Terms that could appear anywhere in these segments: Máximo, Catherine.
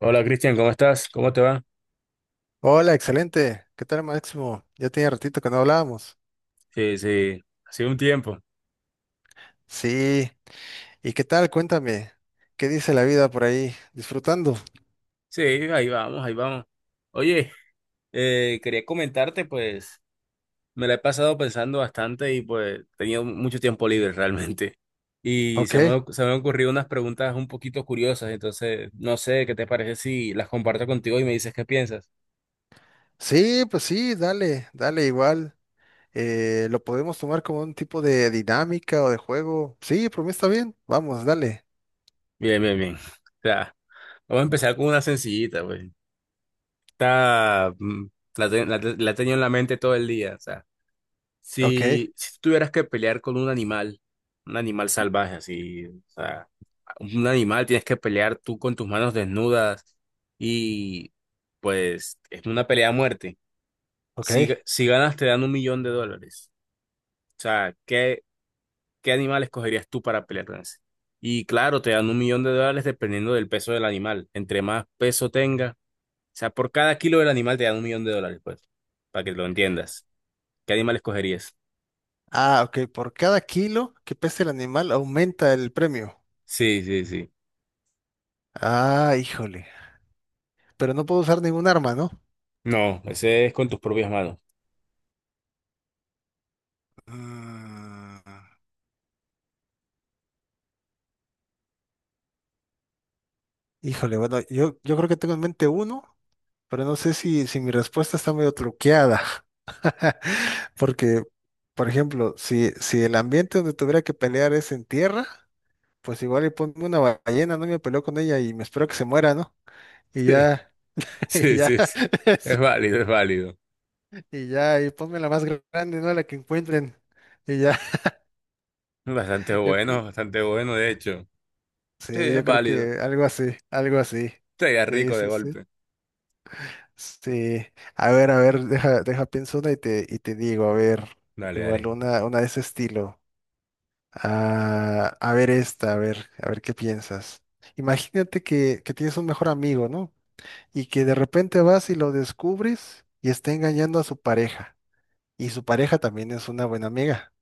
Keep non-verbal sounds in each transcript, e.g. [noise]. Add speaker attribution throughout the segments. Speaker 1: Hola Cristian, ¿cómo estás? ¿Cómo te va?
Speaker 2: Hola, excelente. ¿Qué tal, Máximo? Ya tenía ratito que no hablábamos.
Speaker 1: Sí, sí, ha sido un tiempo.
Speaker 2: Sí. ¿Y qué tal? Cuéntame. ¿Qué dice la vida por ahí? ¿Disfrutando?
Speaker 1: Sí, ahí vamos, ahí vamos. Oye, quería comentarte, pues me la he pasado pensando bastante y pues he tenido mucho tiempo libre [laughs] realmente. Y se
Speaker 2: Ok.
Speaker 1: me, se me han ocurrido unas preguntas un poquito curiosas, entonces no sé qué te parece si las comparto contigo y me dices qué piensas.
Speaker 2: Sí, pues sí, dale, dale igual. Lo podemos tomar como un tipo de dinámica o de juego. Sí, por mí está bien. Vamos, dale.
Speaker 1: Bien, bien, bien. O sea, vamos a empezar con una sencillita, pues. Está, mm, la he tenido en la mente todo el día, o sea.
Speaker 2: Ok,
Speaker 1: Si tuvieras que pelear con un animal salvaje, así, o sea, un animal tienes que pelear tú con tus manos desnudas y pues es una pelea a muerte. Si,
Speaker 2: ok.
Speaker 1: ga- si ganas te dan 1 millón de dólares. O sea, ¿qué animal escogerías tú para pelear con ese? Y claro, te dan 1 millón de dólares dependiendo del peso del animal. Entre más peso tenga, o sea, por cada kilo del animal te dan 1 millón de dólares, pues, para que lo entiendas. ¿Qué animal escogerías?
Speaker 2: Ah, ok. Por cada kilo que pese el animal aumenta el premio.
Speaker 1: Sí, sí, sí.
Speaker 2: Ah, híjole. Pero no puedo usar ningún arma, ¿no?
Speaker 1: No, ese es con tus propias manos.
Speaker 2: Mm. Híjole, bueno, yo creo que tengo en mente uno, pero no sé si mi respuesta está medio truqueada, [laughs] porque, por ejemplo, si el ambiente donde tuviera que pelear es en tierra, pues igual y ponme una ballena, no. Y me peleo con ella y me espero que se muera, ¿no? Y
Speaker 1: [laughs]
Speaker 2: ya, [laughs] y
Speaker 1: Sí,
Speaker 2: ya,
Speaker 1: sí, sí.
Speaker 2: [laughs] sí,
Speaker 1: Es válido, es válido.
Speaker 2: y ya, y ponme la más grande, ¿no? La que encuentren. Y ya, [laughs] yo, que-
Speaker 1: Bastante bueno, de hecho. Sí,
Speaker 2: sí,
Speaker 1: es
Speaker 2: yo creo
Speaker 1: válido.
Speaker 2: que algo así, algo así.
Speaker 1: Sería
Speaker 2: Sí,
Speaker 1: rico de
Speaker 2: sí, sí.
Speaker 1: golpe.
Speaker 2: Sí, a ver, deja, pienso una y te digo, a ver,
Speaker 1: Dale,
Speaker 2: igual
Speaker 1: dale.
Speaker 2: una de ese estilo. Ah, a ver esta, a ver qué piensas. Imagínate que tienes un mejor amigo, ¿no? Y que de repente vas y lo descubres y está engañando a su pareja. Y su pareja también es una buena amiga.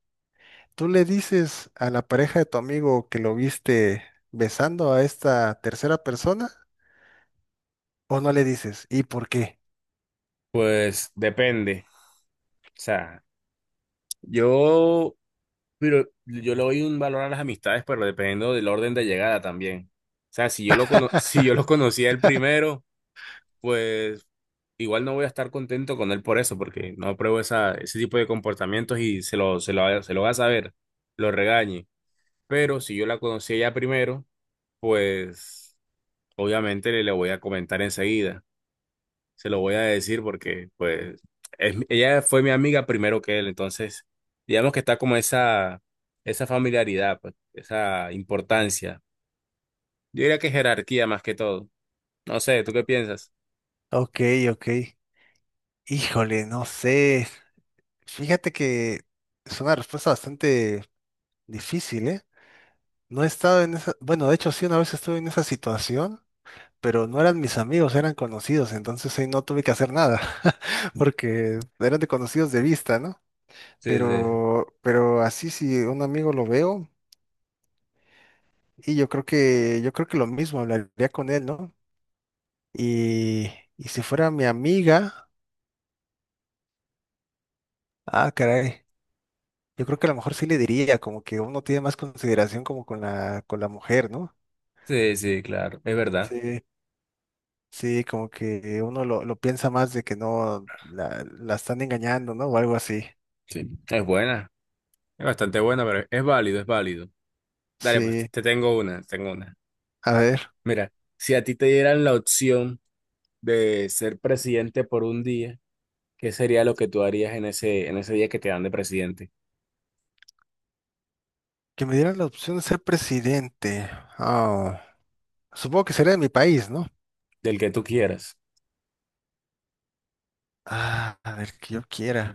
Speaker 2: Tú le dices a la pareja de tu amigo que lo viste besando a esta tercera persona o no le dices, ¿y por qué?
Speaker 1: Pues depende. O sea, yo, pero yo le doy un valor a las amistades, pero dependiendo del orden de llegada también. O sea, si yo lo cono- si yo
Speaker 2: [laughs]
Speaker 1: lo conocía el primero, pues igual no voy a estar contento con él por eso, porque no apruebo esa, ese tipo de comportamientos y se lo va a saber, lo regañe. Pero si yo la conocí a ella primero, pues obviamente le voy a comentar enseguida. Se lo voy a decir porque pues ella fue mi amiga primero que él. Entonces, digamos que está como esa familiaridad, pues, esa importancia. Yo diría que jerarquía más que todo. No sé, ¿tú qué piensas?
Speaker 2: Ok, ok. Híjole, no sé. Fíjate que es una respuesta bastante difícil, ¿eh? No he estado en esa, bueno, de hecho sí, una vez estuve en esa situación, pero no eran mis amigos, eran conocidos, entonces ahí no tuve que hacer nada, [laughs] porque eran de conocidos de vista, ¿no?
Speaker 1: Sí, sí,
Speaker 2: Pero así si un amigo lo veo, y yo creo que lo mismo, hablaría con él, ¿no? Y, y si fuera mi amiga, ah, caray. Yo creo que a lo mejor sí le diría, como que uno tiene más consideración como con la mujer, ¿no?
Speaker 1: sí, sí, claro, es verdad.
Speaker 2: Sí, sí, como que uno lo piensa más de que no la están engañando, ¿no? O algo así.
Speaker 1: Sí, es buena, es bastante buena, pero es válido, es válido. Dale, pues
Speaker 2: Sí,
Speaker 1: te tengo una, te tengo una.
Speaker 2: a ver,
Speaker 1: Mira, si a ti te dieran la opción de ser presidente por un día, ¿qué sería lo que tú harías en ese día que te dan de presidente?
Speaker 2: que me dieran la opción de ser presidente. Ah, supongo que sería de mi país, ¿no?
Speaker 1: Del que tú quieras.
Speaker 2: Ah, a ver, que yo quiera.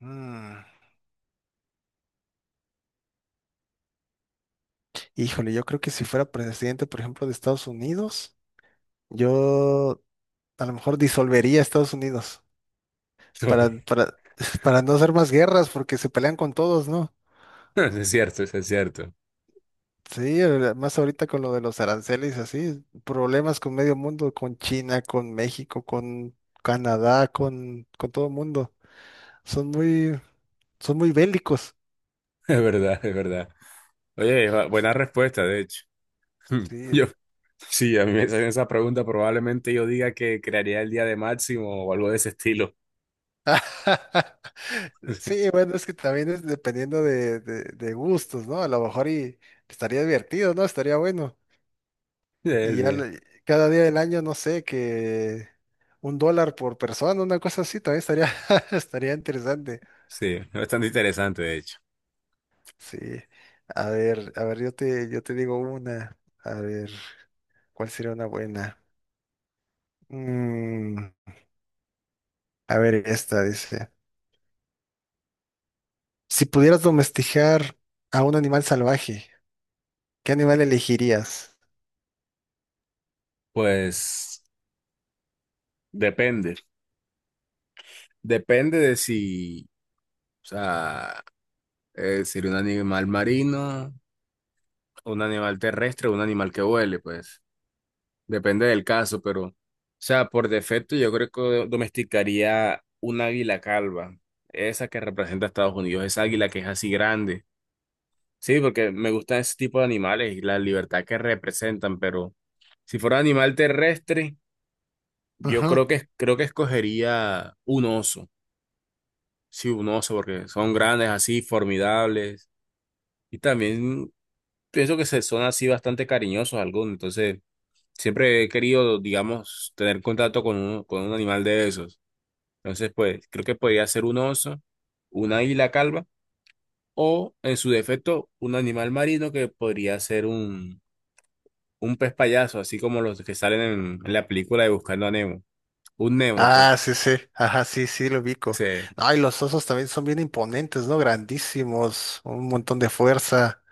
Speaker 2: Mm, híjole, yo creo que si fuera presidente, por ejemplo, de Estados Unidos, yo a lo mejor disolvería Estados Unidos. para,
Speaker 1: Oye,
Speaker 2: para, [laughs] para no hacer más guerras, porque se pelean con todos, ¿no?
Speaker 1: [laughs] eso es cierto, eso es cierto. [laughs]
Speaker 2: Sí, ahora- más ahorita con lo de los aranceles, así, problemas con medio mundo, con China, con México, con Canadá, con todo el mundo. Son muy, son muy bélicos.
Speaker 1: Es verdad, es verdad. Oye, buena respuesta, de hecho. [laughs] Hmm, Yo,
Speaker 2: Sí.
Speaker 1: sí, a mí me hacen esa pregunta, probablemente yo diga que crearía el día de Máximo o algo de ese estilo.
Speaker 2: [laughs] Sí,
Speaker 1: [laughs]
Speaker 2: bueno, es que también es dependiendo de gustos, ¿no? A lo mejor y estaría divertido, ¿no? Estaría bueno.
Speaker 1: Sí,
Speaker 2: Y ya
Speaker 1: sí,
Speaker 2: le- cada día del año, no sé, que un dólar por persona, una cosa así, también estaría, [laughs] estaría interesante.
Speaker 1: sí, es bastante interesante, de hecho.
Speaker 2: Sí. A ver, yo te digo una. A ver, ¿cuál sería una buena? Mm, a ver, esta dice. Si pudieras domesticar a un animal salvaje, ¿qué animal elegirías?
Speaker 1: Pues depende, depende de si, o sea, sería un animal marino, un animal terrestre o un animal que vuele, pues depende del caso, pero, o sea, por defecto yo creo que domesticaría un águila calva, esa que representa a Estados Unidos, esa águila que es así grande. Sí, porque me gustan ese tipo de animales y la libertad que representan, pero si fuera animal terrestre, yo
Speaker 2: Ujú.
Speaker 1: creo que escogería un oso, sí, un oso, porque son grandes así, formidables, y también pienso que se son así bastante cariñosos algunos, entonces... Siempre he querido, digamos, tener contacto con un animal de esos. Entonces, pues, creo que podría ser un oso, una águila calva o, en su defecto, un animal marino que podría ser un pez payaso, así como los que salen en la película de Buscando a Nemo. Un Nemo,
Speaker 2: Ah,
Speaker 1: pues,
Speaker 2: sí, sí. Ajá, sí, sí, lo ubico.
Speaker 1: se,
Speaker 2: Ay, los osos también son bien imponentes, ¿no? Grandísimos, un montón de fuerza.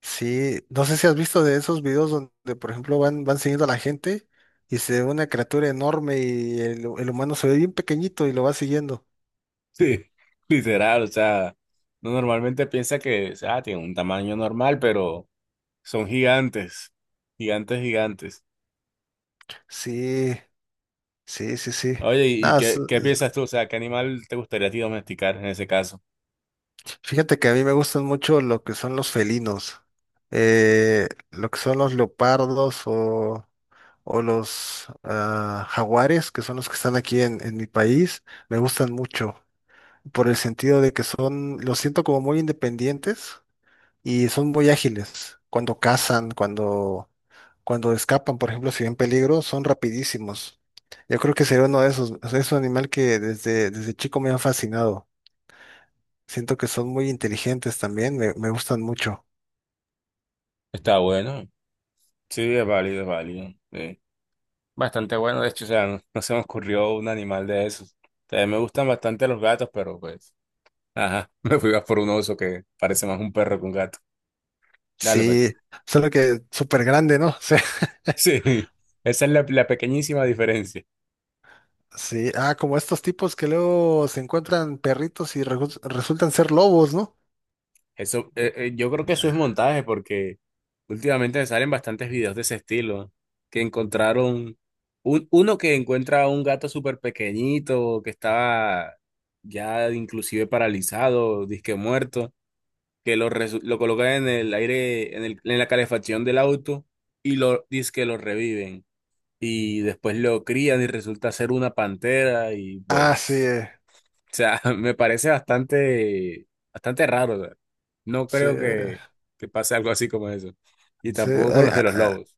Speaker 2: Sí, no sé si has visto de esos videos donde, por ejemplo, van siguiendo a la gente y se ve una criatura enorme y el humano se ve bien pequeñito y lo va siguiendo.
Speaker 1: [laughs] sí, literal, o sea, no normalmente piensa que, o sea, tiene un tamaño normal, pero son gigantes, gigantes, gigantes.
Speaker 2: Sí, sí, sí, sí.
Speaker 1: Oye, ¿y
Speaker 2: Nada, s-
Speaker 1: qué piensas tú? O sea, ¿qué animal te gustaría a ti domesticar en ese caso?
Speaker 2: fíjate que a mí me gustan mucho lo que son los felinos, lo que son los leopardos o los ah, jaguares, que son los que están aquí en mi país, me gustan mucho por el sentido de que son, los siento como muy independientes y son muy ágiles. Cuando cazan, cuando escapan, por ejemplo, si ven peligro, son rapidísimos. Yo creo que sería uno de esos. O sea, es un animal que desde chico me ha fascinado. Siento que son muy inteligentes también, me gustan mucho.
Speaker 1: Está bueno. Sí, es válido, es válido. Sí. Bastante bueno, de hecho, o sea, no, no se me ocurrió un animal de esos. También me gustan bastante los gatos, pero pues, ajá, [laughs] me fui más por un oso que parece más un perro que un gato. Dale, pues.
Speaker 2: Sí,
Speaker 1: [laughs]
Speaker 2: solo que súper grande, ¿no? [laughs] O sea,
Speaker 1: Sí, esa es la pequeñísima diferencia.
Speaker 2: sí, ah, como estos tipos que luego se encuentran perritos y resultan ser lobos, ¿no?
Speaker 1: Eso, yo creo que eso es montaje porque últimamente me salen bastantes videos de ese estilo, que encontraron uno que encuentra a un gato súper pequeñito que estaba ya inclusive paralizado, disque muerto, lo colocan en el aire, en la calefacción del auto y lo que lo reviven y después lo crían y resulta ser una pantera y
Speaker 2: Ah, sí,
Speaker 1: pues o sea, [laughs] me parece bastante raro. O sea, no
Speaker 2: sí,
Speaker 1: creo que pase algo así como eso. Y
Speaker 2: sí,
Speaker 1: tampoco con los de los lobos.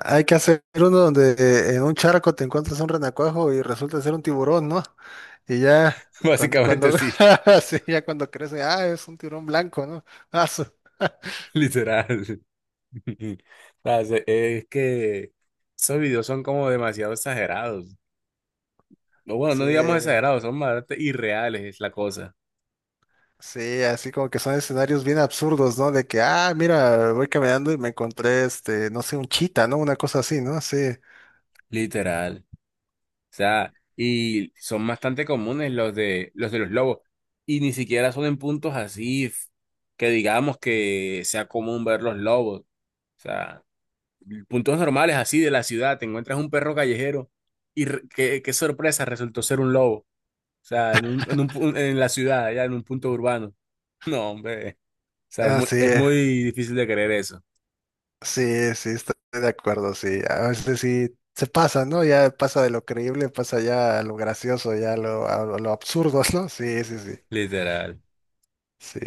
Speaker 2: hay que hacer uno donde en un charco te encuentras un renacuajo y resulta ser un tiburón, ¿no? Y ya
Speaker 1: [laughs]
Speaker 2: cuando,
Speaker 1: Básicamente
Speaker 2: cuando
Speaker 1: sí,
Speaker 2: [laughs] sí, ya cuando crece, ah, es un tiburón blanco, ¿no? Ah, su- [laughs]
Speaker 1: [laughs] literal. [laughs] O sea, es que esos videos son como demasiado exagerados. O bueno,
Speaker 2: Sí,
Speaker 1: no digamos exagerados, son bastante irreales, es la cosa.
Speaker 2: sí, así como que son escenarios bien absurdos, ¿no? De que, ah, mira, voy caminando y me encontré, este, no sé, un chita, ¿no? Una cosa así, ¿no? Sí,
Speaker 1: Literal. O sea, y son bastante comunes los de los lobos. Y ni siquiera son en puntos así que digamos que sea común ver los lobos. O sea, puntos normales así de la ciudad, te encuentras un perro callejero y qué sorpresa, resultó ser un lobo. O sea, en la ciudad, ya en un punto urbano. No, hombre, o sea, es muy, es
Speaker 2: así.
Speaker 1: muy difícil de creer eso,
Speaker 2: Sí, sí, estoy de acuerdo, sí. A veces sí se pasa, ¿no? Ya pasa de lo creíble, pasa ya a lo gracioso, ya a lo absurdo, [laughs] ¿no? Sí, sí, sí.
Speaker 1: literal.
Speaker 2: Sí.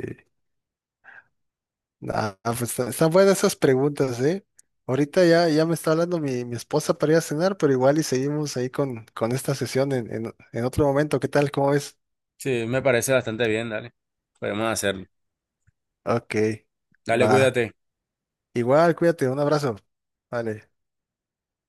Speaker 2: Están buenas esas preguntas, ¿eh? Ahorita ya, ya me está hablando mi esposa para ir a cenar, pero igual y seguimos ahí con esta sesión en otro momento. ¿Qué tal? ¿Cómo ves?
Speaker 1: Sí, me parece bastante bien, dale. Podemos hacerlo.
Speaker 2: Ok,
Speaker 1: Dale,
Speaker 2: va.
Speaker 1: cuídate.
Speaker 2: Igual, cuídate, un abrazo. Vale.